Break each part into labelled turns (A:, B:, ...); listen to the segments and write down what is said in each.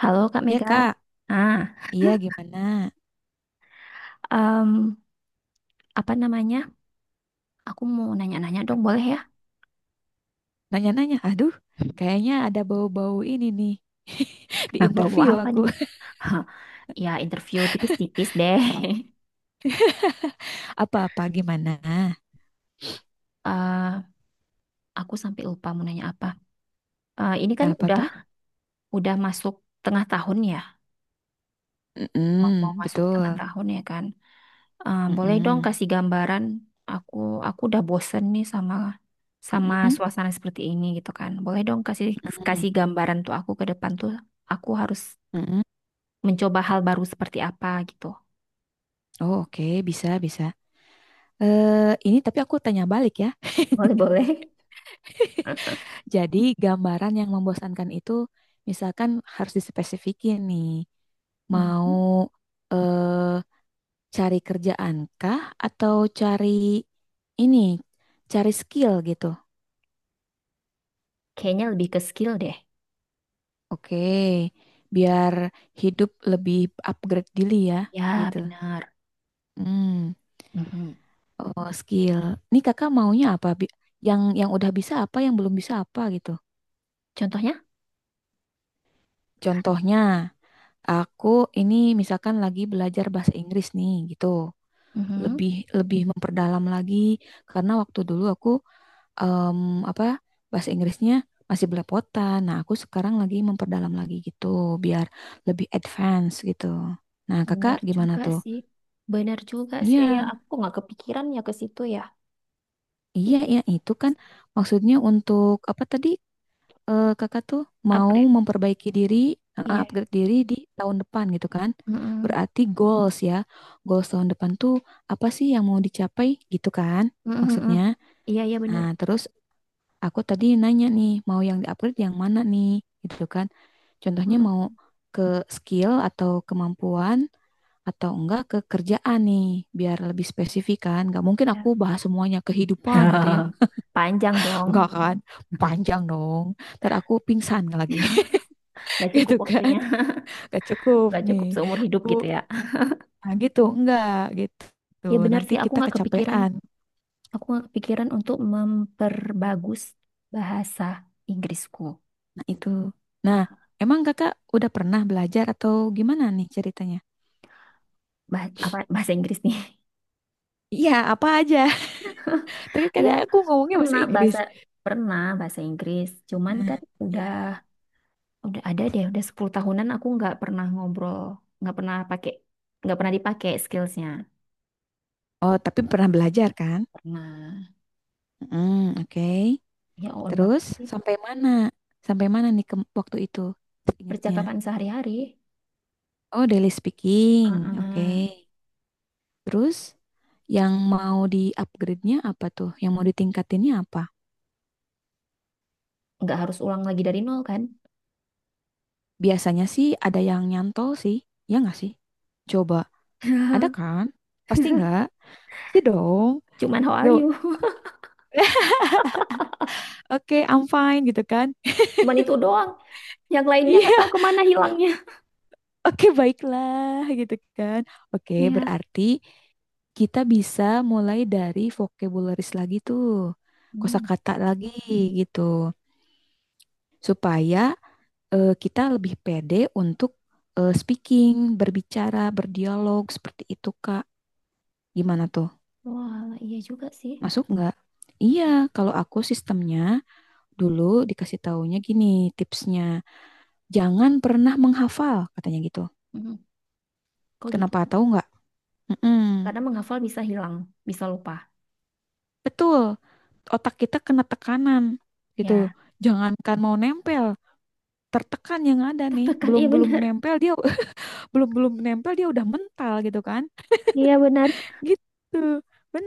A: Halo Kak
B: Ya
A: Mega.
B: Kak,
A: Ah.
B: iya gimana?
A: Em, Apa namanya? Aku mau nanya-nanya dong, boleh ya?
B: Nanya-nanya, aduh, kayaknya ada bau-bau ini nih di
A: Nah, bawa
B: interview
A: apa
B: aku.
A: nih? Hah, ya interview tipis-tipis deh.
B: Apa-apa gimana?
A: Eh, aku sampai lupa mau nanya apa. Eh, ini kan
B: Apa
A: udah
B: tuh?
A: udah masuk tengah tahun ya, mau
B: Mm-mm,
A: masuk tengah
B: betul.
A: tahun ya, kan? Eh, boleh dong
B: Mm-mm,
A: kasih gambaran. Aku aku udah bosen nih sama sama
B: mm-mm,
A: suasana seperti ini gitu, kan. Boleh dong kasih
B: mm-mm,
A: kasih gambaran tuh aku ke depan tuh. Aku harus
B: mm-mm.
A: mencoba hal baru seperti apa gitu.
B: Oh oke, bisa bisa. Eh ini tapi aku tanya balik ya.
A: Boleh-boleh.
B: Jadi gambaran yang membosankan itu, misalkan harus dispesifikin nih. Mau
A: Mhm.
B: eh, Cari kerjaan kah atau cari ini, cari skill gitu?
A: Kayaknya lebih ke skill deh.
B: Oke, biar hidup lebih upgrade diri ya,
A: Ya,
B: gitu.
A: benar.
B: Hmm,
A: Mhm.
B: oh skill. Nih kakak maunya apa? Yang udah bisa apa, yang belum bisa apa gitu.
A: Contohnya?
B: Contohnya, aku ini misalkan lagi belajar bahasa Inggris nih, gitu.
A: Mhm.
B: Lebih lebih memperdalam lagi karena waktu dulu aku em, apa bahasa Inggrisnya masih belepotan. Nah, aku sekarang lagi memperdalam lagi gitu biar lebih advance gitu. Nah, Kakak
A: Benar
B: gimana
A: juga
B: tuh?
A: sih. Benar juga sih,
B: Iya,
A: ya. Aku nggak kepikiran ya ke situ ya. Ih,
B: iya, iya itu kan maksudnya untuk apa tadi Kakak tuh mau
A: upgrade.
B: memperbaiki diri, eh,
A: Iya.
B: upgrade diri di tahun depan gitu kan?
A: Mhm.
B: Berarti goals ya. Goals tahun depan tuh apa sih yang mau dicapai gitu kan?
A: Mhm, mhm.
B: Maksudnya.
A: Iya, iya benar.
B: Nah, terus aku tadi nanya nih mau yang di-upgrade yang mana nih gitu kan, contohnya
A: Mhm.
B: mau ke skill atau kemampuan atau enggak ke kerjaan nih biar lebih spesifik kan. Gak mungkin aku
A: Ya.
B: bahas semuanya kehidupan gitu ya.
A: Panjang dong.
B: Enggak kan, panjang dong, ntar aku pingsan lagi.
A: Nggak
B: Gitu
A: cukup
B: kan,
A: waktunya.
B: gak cukup
A: Nggak
B: nih
A: cukup seumur hidup
B: aku.
A: gitu ya.
B: Nah gitu, enggak gitu,
A: Ya benar
B: nanti
A: sih, aku
B: kita
A: nggak kepikiran.
B: kecapean.
A: Aku kepikiran untuk memperbagus bahasa Inggrisku.
B: Nah itu, nah
A: Ah,
B: emang kakak udah pernah belajar atau gimana nih ceritanya?
A: apa bahasa Inggris nih?
B: Iya, apa aja? Tapi
A: Ya,
B: kadang aku ngomongnya bahasa
A: pernah
B: Inggris.
A: bahasa pernah bahasa Inggris. Cuman
B: Hmm,
A: kan
B: ya.
A: udah ada deh, udah 10 tahunan aku nggak pernah ngobrol, nggak pernah pakai, nggak pernah dipakai skillsnya.
B: Oh, tapi pernah belajar kan?
A: Pernah.
B: Hmm, oke.
A: Ya on banget
B: Terus
A: sih.
B: sampai mana? Sampai mana nih ke waktu itu? Ingatnya.
A: Percakapan sehari-hari.
B: Oh, daily speaking.
A: Ah,
B: Oke. Terus yang mau di-upgrade-nya apa tuh? Yang mau ditingkatinnya apa?
A: nggak harus ulang lagi dari nol, kan?
B: Biasanya sih ada yang nyantol sih. Ya nggak sih? Coba. Ada kan? Pasti nggak? Pasti dong.
A: Cuman how are
B: Nggak.
A: you?
B: Oke, I'm fine gitu kan?
A: Cuman itu doang. Yang lainnya nggak tahu
B: Iya.
A: kemana hilangnya.
B: Oke, baiklah gitu kan. Oke,
A: Iya.
B: berarti kita bisa mulai dari vocabularies lagi tuh.
A: Hmm.
B: Kosakata lagi gitu. Supaya kita lebih pede untuk speaking, berbicara, berdialog seperti itu, Kak. Gimana tuh?
A: Wah, iya juga sih.
B: Masuk nggak? Iya, kalau aku sistemnya dulu dikasih taunya gini tipsnya. Jangan pernah menghafal, katanya gitu.
A: Mhm. Kok gitu?
B: Kenapa tahu nggak? Mm-mm.
A: Karena menghafal bisa hilang, bisa lupa.
B: Betul, otak kita kena tekanan gitu.
A: Ya,
B: Jangankan mau nempel, tertekan yang ada nih,
A: tekan iya
B: belum belum
A: benar.
B: nempel dia. Belum belum nempel dia udah mental gitu kan?
A: Iya benar.
B: Gitu,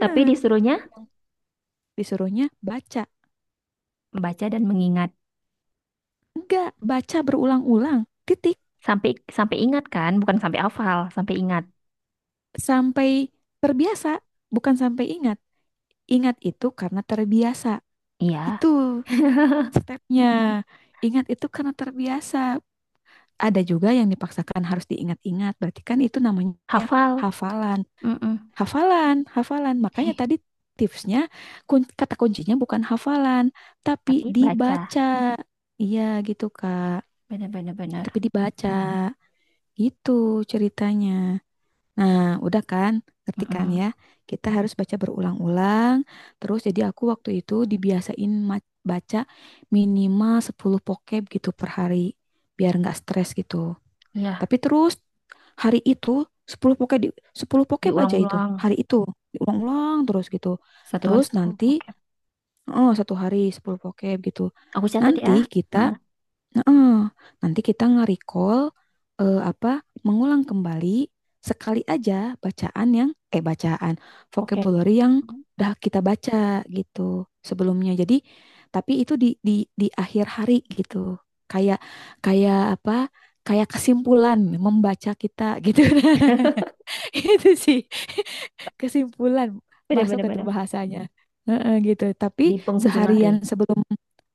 A: Tapi disuruhnya
B: Yang disuruhnya baca,
A: membaca dan mengingat.
B: enggak baca berulang-ulang, titik
A: Sampai sampai ingat kan, bukan sampai hafal, sampai ingat.
B: sampai terbiasa, bukan sampai ingat. Ingat itu karena terbiasa,
A: Iya,
B: itu stepnya. Ingat itu karena terbiasa, ada juga yang dipaksakan harus diingat-ingat. Berarti kan itu namanya
A: hafal.
B: hafalan.
A: Mm-mm.
B: Hafalan, hafalan. Makanya tadi tipsnya kata kuncinya bukan hafalan, tapi
A: Tapi baca.
B: dibaca. Iya gitu, Kak.
A: Benar-benar benar.
B: Tapi dibaca. Gitu ceritanya. Nah, udah kan? Ngerti
A: Benar, benar.
B: kan
A: Mm-mm.
B: ya? Kita harus baca berulang-ulang. Terus jadi aku waktu itu dibiasain baca minimal 10 pokeb gitu per hari. Biar nggak stres gitu.
A: Iya,
B: Tapi terus hari itu 10 pokep di 10 pokep aja itu
A: diulang-ulang.
B: hari itu diulang-ulang terus gitu.
A: Satu hari
B: Terus
A: sepuluh
B: nanti
A: vocab.
B: oh, satu hari 10 pokep gitu.
A: Aku catat ya.
B: Nanti kita.
A: Nah,
B: Heeh. Nanti kita nge-recall eh, apa mengulang kembali sekali aja bacaan yang bacaan
A: vocab.
B: vocabulary yang udah kita baca gitu sebelumnya. Jadi tapi itu di akhir hari gitu. Kayak kayak apa? Kayak kesimpulan membaca kita gitu. Itu sih kesimpulan masuk
A: Benar-benar benar. Benar,
B: itu
A: benar. Benar.
B: bahasanya. Heeh, gitu. Tapi
A: Di penghujung hari.
B: seharian sebelum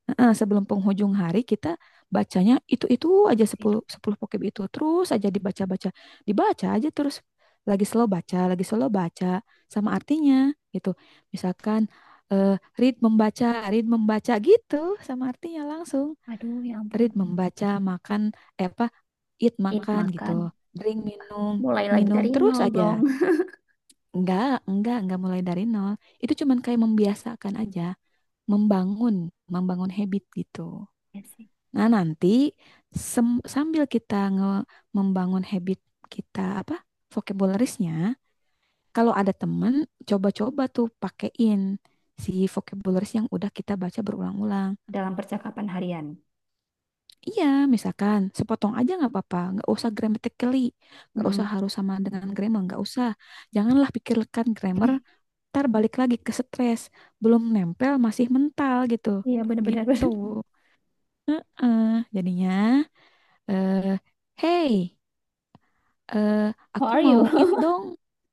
B: heeh, sebelum penghujung hari kita bacanya itu-itu aja
A: Itu.
B: sepuluh 10 pokeb itu terus aja dibaca-baca. Dibaca aja terus lagi slow baca sama artinya gitu. Misalkan eh, read membaca, read membaca gitu sama artinya langsung.
A: Aduh, ya ampun.
B: Read membaca, makan eh, apa eat
A: Eat,
B: makan gitu.
A: makan.
B: Drink minum,
A: Mulai lagi
B: minum
A: dari
B: terus
A: nol
B: aja.
A: dong.
B: Enggak mulai dari nol. Itu cuman kayak membiasakan aja, membangun, membangun habit gitu.
A: Iya sih.
B: Nah, nanti sambil kita membangun habit kita apa? Vocabularisnya, kalau ada temen coba-coba tuh pakein si vocabularis yang udah kita baca berulang-ulang.
A: Dalam percakapan harian.
B: Iya, misalkan sepotong aja nggak apa-apa, nggak usah grammatically, nggak usah
A: Mm-mm.
B: harus sama dengan grammar, nggak usah. Janganlah pikirkan grammar, ntar balik lagi ke stres, belum nempel masih mental gitu.
A: Iya benar-benar
B: Gitu
A: benar.
B: eh jadinya eh hey eh
A: How
B: aku
A: are
B: mau it
A: you?
B: dong.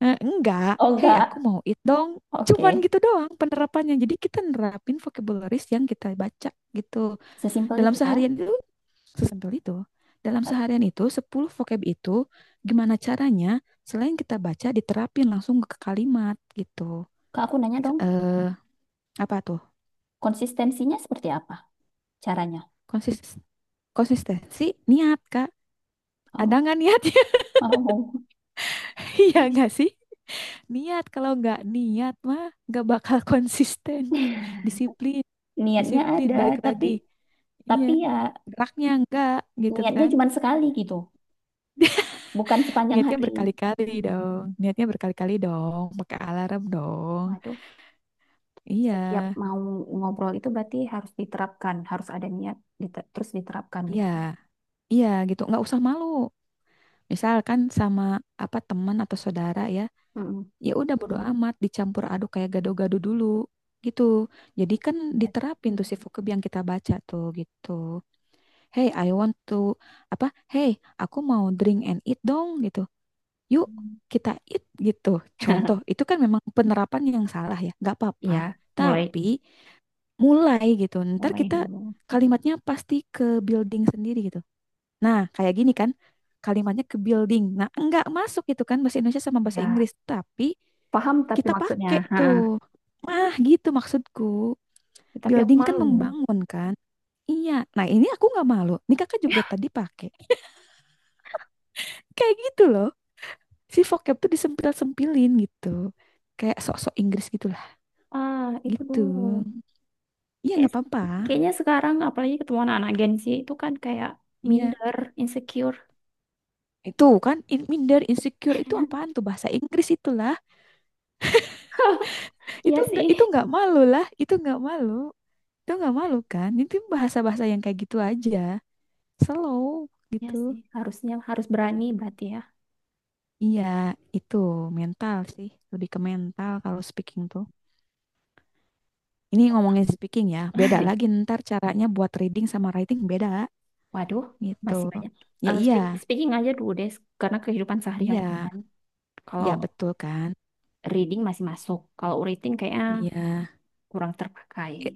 B: Eh, enggak,
A: Oh
B: hey aku
A: enggak.
B: mau it dong. Cuman
A: Oke.
B: gitu doang penerapannya, jadi kita nerapin vocabularies yang kita baca gitu
A: Sesimpel
B: dalam
A: itu ya.
B: seharian itu. Sesimpel itu dalam
A: Eh,
B: seharian itu 10 vocab itu gimana caranya, selain kita baca diterapin langsung ke kalimat gitu
A: Kak, aku nanya dong,
B: eh apa tuh
A: konsistensinya seperti apa caranya?
B: konsis. Konsistensi, niat, Kak. Ada
A: Oh,
B: nggak niatnya?
A: oh.
B: Iya nggak sih? Niat, kalau nggak niat mah nggak bakal konsisten. Disiplin,
A: Niatnya
B: disiplin,
A: ada,
B: balik
A: tapi
B: lagi. Iya,
A: tapi ya
B: geraknya enggak gitu
A: niatnya
B: kan.
A: cuma sekali gitu, bukan sepanjang
B: Niatnya
A: hari.
B: berkali-kali dong. Niatnya berkali-kali dong. Pakai alarm dong.
A: Waduh.
B: Iya,
A: Setiap mau ngobrol itu berarti harus diterapkan, harus ada niat, terus diterapkan
B: iya,
A: gitu.
B: iya gitu. Nggak usah malu. Misalkan sama apa teman atau saudara ya.
A: Mm-mm.
B: Ya udah bodo amat dicampur aduk kayak
A: Hmm,
B: gado-gado dulu gitu, jadi kan diterapin tuh si vocab yang kita baca tuh gitu. Hey I want to apa, hey aku mau drink and eat dong gitu.
A: ya.
B: Yuk kita eat gitu. Contoh itu kan memang penerapan yang salah ya, nggak apa-apa,
A: Iya, mulai
B: tapi mulai gitu, ntar
A: mulai
B: kita
A: dulu.
B: kalimatnya pasti ke building sendiri gitu. Nah, kayak gini kan, kalimatnya ke building. Nah, enggak masuk itu kan bahasa Indonesia sama bahasa
A: Ya,
B: Inggris, tapi
A: paham tapi
B: kita
A: maksudnya.
B: pakai
A: Ha,
B: tuh. Nah, gitu maksudku.
A: tapi aku
B: Building kan
A: malu.
B: membangun kan? Iya. Nah, ini aku nggak malu. Ini kakak juga tadi pakai. Kayak gitu loh. Si vocab tuh disempil-sempilin gitu. Kayak sok-sok Inggris gitulah.
A: Ah, itu
B: Gitu.
A: dulu.
B: Iya,
A: Kayak,
B: nggak apa-apa.
A: kayaknya sekarang apalagi ketemu anak-anak Gen Z itu kan kayak
B: Iya.
A: minder, insecure.
B: Itu kan minder, insecure itu apaan tuh bahasa Inggris itulah.
A: Iya sih.
B: Itu nggak malu lah. Itu nggak malu. Itu nggak malu kan? Itu bahasa-bahasa yang kayak gitu aja. Slow
A: Iya
B: gitu.
A: sih, harusnya harus berani berarti ya.
B: Iya, itu mental sih. Lebih ke mental kalau speaking tuh. Ini ngomongin speaking ya. Beda lagi ntar caranya buat reading sama writing beda
A: Waduh,
B: gitu.
A: masih banyak.
B: Ya
A: Eh,
B: iya,
A: speaking aja dulu deh, karena kehidupan sehari-hari ya,
B: iya,
A: kan.
B: iya
A: Kalau
B: betul kan?
A: reading masih masuk, kalau writing kayaknya
B: Iya.
A: kurang terpakai.
B: Eh,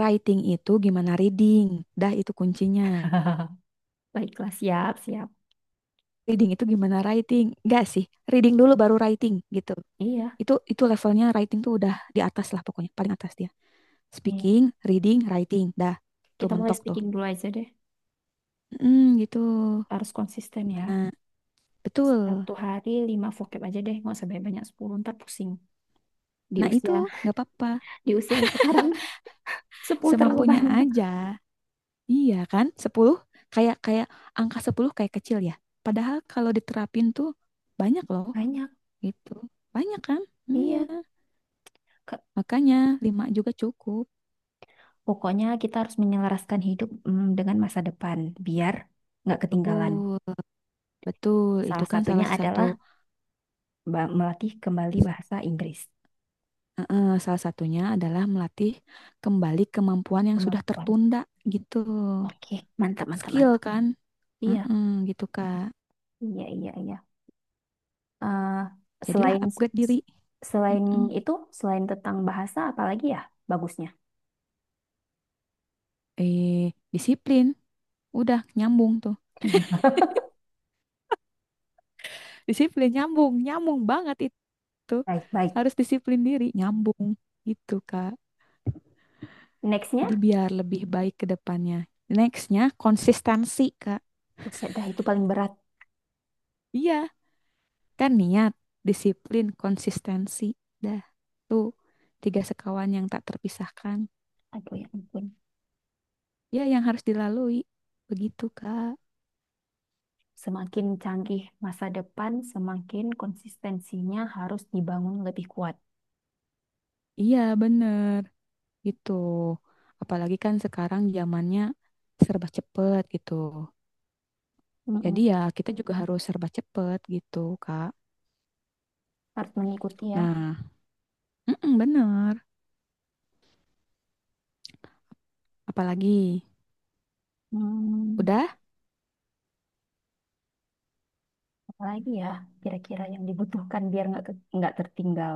B: writing itu gimana reading? Dah itu kuncinya.
A: Baiklah, siap, siap.
B: Reading itu gimana writing? Enggak sih. Reading dulu baru writing gitu.
A: Iya,
B: Itu levelnya writing tuh udah di atas lah pokoknya, paling atas dia.
A: iya.
B: Speaking, reading, writing. Dah, tuh
A: Kita mulai
B: mentok tuh.
A: speaking dulu aja deh.
B: Mm, gitu.
A: Harus konsisten ya.
B: Gimana? Betul.
A: Satu hari lima vocab aja deh. Nggak usah banyak-banyak. 10 ntar pusing. Di
B: Nah, itu
A: usia,
B: nggak apa-apa.
A: di usia yang sekarang 10 terlalu
B: Semampunya
A: banyak.
B: aja. Iya kan? Sepuluh kayak kayak angka 10 kayak kecil ya. Padahal kalau diterapin tuh banyak loh
A: Banyak.
B: gitu. Banyak kan? Iya.
A: Iya. Ke-
B: Makanya 5 juga cukup.
A: Pokoknya kita harus menyelaraskan hidup dengan masa depan. Biar nggak ketinggalan.
B: Betul. Betul. Itu
A: Salah
B: kan
A: satunya
B: salah satu.
A: adalah melatih kembali bahasa Inggris.
B: Heeh, salah satunya adalah melatih kembali kemampuan yang sudah
A: Kemampuan.
B: tertunda gitu.
A: Oke. Mantap, mantap,
B: Skill
A: mantap.
B: kan?
A: Iya.
B: Heeh, gitu Kak.
A: Iya, iya, iya. eh
B: Jadilah
A: selain
B: upgrade diri.
A: selain
B: Heeh.
A: itu, selain tentang bahasa, apalagi ya bagusnya?
B: Eh, disiplin. Udah nyambung tuh. Disiplin nyambung, nyambung banget itu.
A: Baik, baik.
B: Harus disiplin diri, nyambung gitu Kak. Jadi
A: Nextnya,
B: biar lebih baik ke depannya. Nextnya konsistensi Kak.
A: buset dah itu paling berat.
B: Iya, kan niat, disiplin, konsistensi. Dah, tuh tiga sekawan yang tak terpisahkan.
A: Aduh ya ampun.
B: Ya yang harus dilalui begitu Kak.
A: Semakin canggih masa depan, semakin konsistensinya harus dibangun lebih kuat.
B: Iya bener gitu. Apalagi kan sekarang zamannya serba cepet gitu,
A: Mm-mm.
B: jadi ya kita juga harus serba cepet gitu Kak.
A: Harus mengikuti ya.
B: Nah mm-mm, bener. Apalagi
A: Hmm,
B: udah
A: apalagi ya kira-kira yang dibutuhkan biar nggak tertinggal.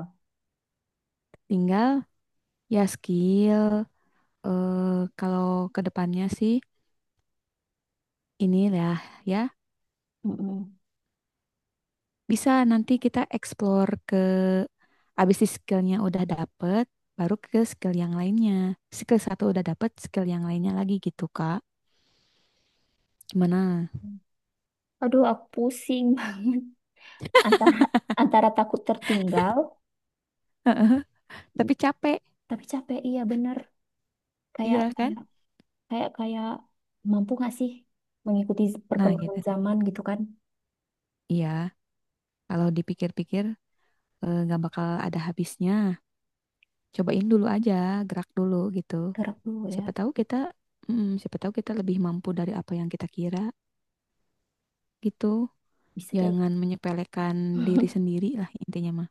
B: tinggal ya skill. Kalau kedepannya sih ini lah ya.
A: Mm-mm.
B: Bisa nanti kita explore ke abis di skillnya udah dapet, baru ke skill yang lainnya. Skill satu udah dapet, skill yang lainnya lagi gitu, Kak. Gimana?
A: Aduh, aku pusing banget antara antara takut tertinggal,
B: Tapi capek,
A: tapi capek. Iya bener. Kayak
B: iya kan?
A: kayak kayak kayak mampu nggak sih mengikuti
B: Nah,
A: perkembangan
B: gitu.
A: zaman gitu, kan.
B: Iya, kalau dipikir-pikir nggak bakal ada habisnya. Cobain dulu aja, gerak dulu gitu.
A: Gerak dulu
B: Siapa
A: ya,
B: tahu kita, mm, siapa tahu kita lebih mampu dari apa yang kita kira gitu.
A: bisa jadi.
B: Jangan menyepelekan diri sendiri lah intinya mah.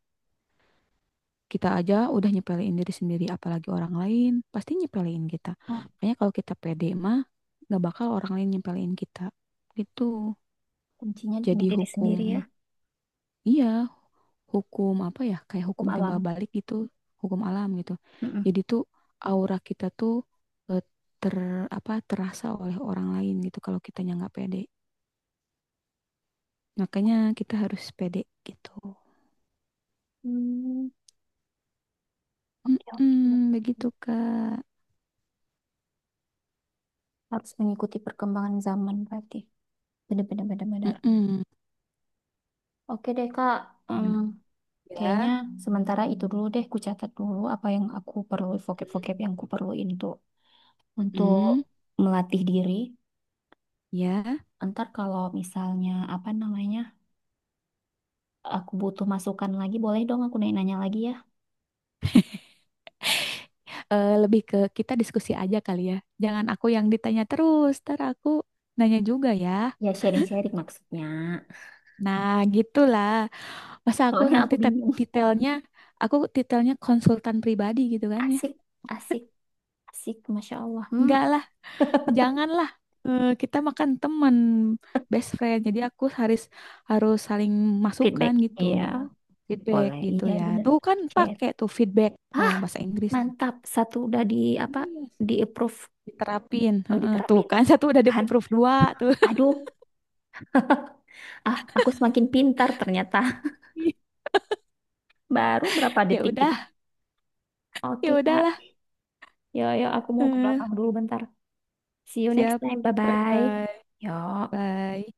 B: Kita aja udah nyepelein diri sendiri, apalagi orang lain pasti nyepelein kita.
A: Oh,
B: Makanya kalau kita pede mah nggak bakal orang lain nyepelein kita. Gitu.
A: kuncinya di
B: Jadi
A: diri
B: hukum,
A: sendiri ya.
B: iya, hukum apa ya? Kayak
A: Hukum
B: hukum timbal
A: alam.
B: balik gitu, hukum alam gitu.
A: Mm-mm.
B: Jadi tuh aura kita tuh eh, ter terasa oleh orang lain gitu kalau kitanya nggak pede. Makanya kita harus pede gitu.
A: Hmm, oke oke oke.
B: Mm-mm, begitu Kak.
A: Harus mengikuti perkembangan zaman berarti benar-benar
B: Mm-mm.
A: oke deh, Kak. Hmm,
B: Gimana?
A: kayaknya
B: Ya.
A: sementara itu dulu, deh ku catat dulu apa yang aku perlu, vocab-vocab yang ku perluin tuh untuk
B: Mm-mm.
A: melatih diri.
B: Ya,
A: Ntar kalau misalnya apa namanya, aku butuh masukan lagi. Boleh dong aku nanya-nanya lagi ya?
B: lebih ke kita diskusi aja kali ya. Jangan aku yang ditanya terus, ntar aku nanya juga ya.
A: Ya sharing-sharing maksudnya.
B: Nah, gitulah. Masa aku
A: Soalnya
B: nanti
A: aku bingung.
B: titelnya, aku titelnya konsultan pribadi gitu kan ya.
A: Asik, asik, asik. Masya Allah. Hmm,
B: Enggak lah, janganlah. Eh, kita makan teman, best friend. Jadi aku harus harus saling masukan
A: feedback.
B: gitu.
A: Iya,
B: Feedback
A: boleh.
B: gitu
A: Iya,
B: ya.
A: bener.
B: Tuh kan
A: Share.
B: pakai tuh feedback, tuh
A: Hah,
B: bahasa Inggris tuh.
A: mantap. Satu udah di apa?
B: Iya,
A: Di approve.
B: diterapin.
A: Oh,
B: Heeh, tuh
A: diterapin.
B: kan satu udah di
A: Kan?
B: proof dua tuh.
A: Aduh, ah, aku semakin pintar ternyata. Baru berapa
B: Ya
A: detik
B: udah,
A: kita.
B: ya
A: Oke, Kak.
B: udahlah.
A: Yo, yo, aku mau ke
B: Eh,
A: belakang dulu bentar. See you next
B: siap.
A: time.
B: Bye
A: Bye-bye.
B: bye.
A: Yo.
B: Bye.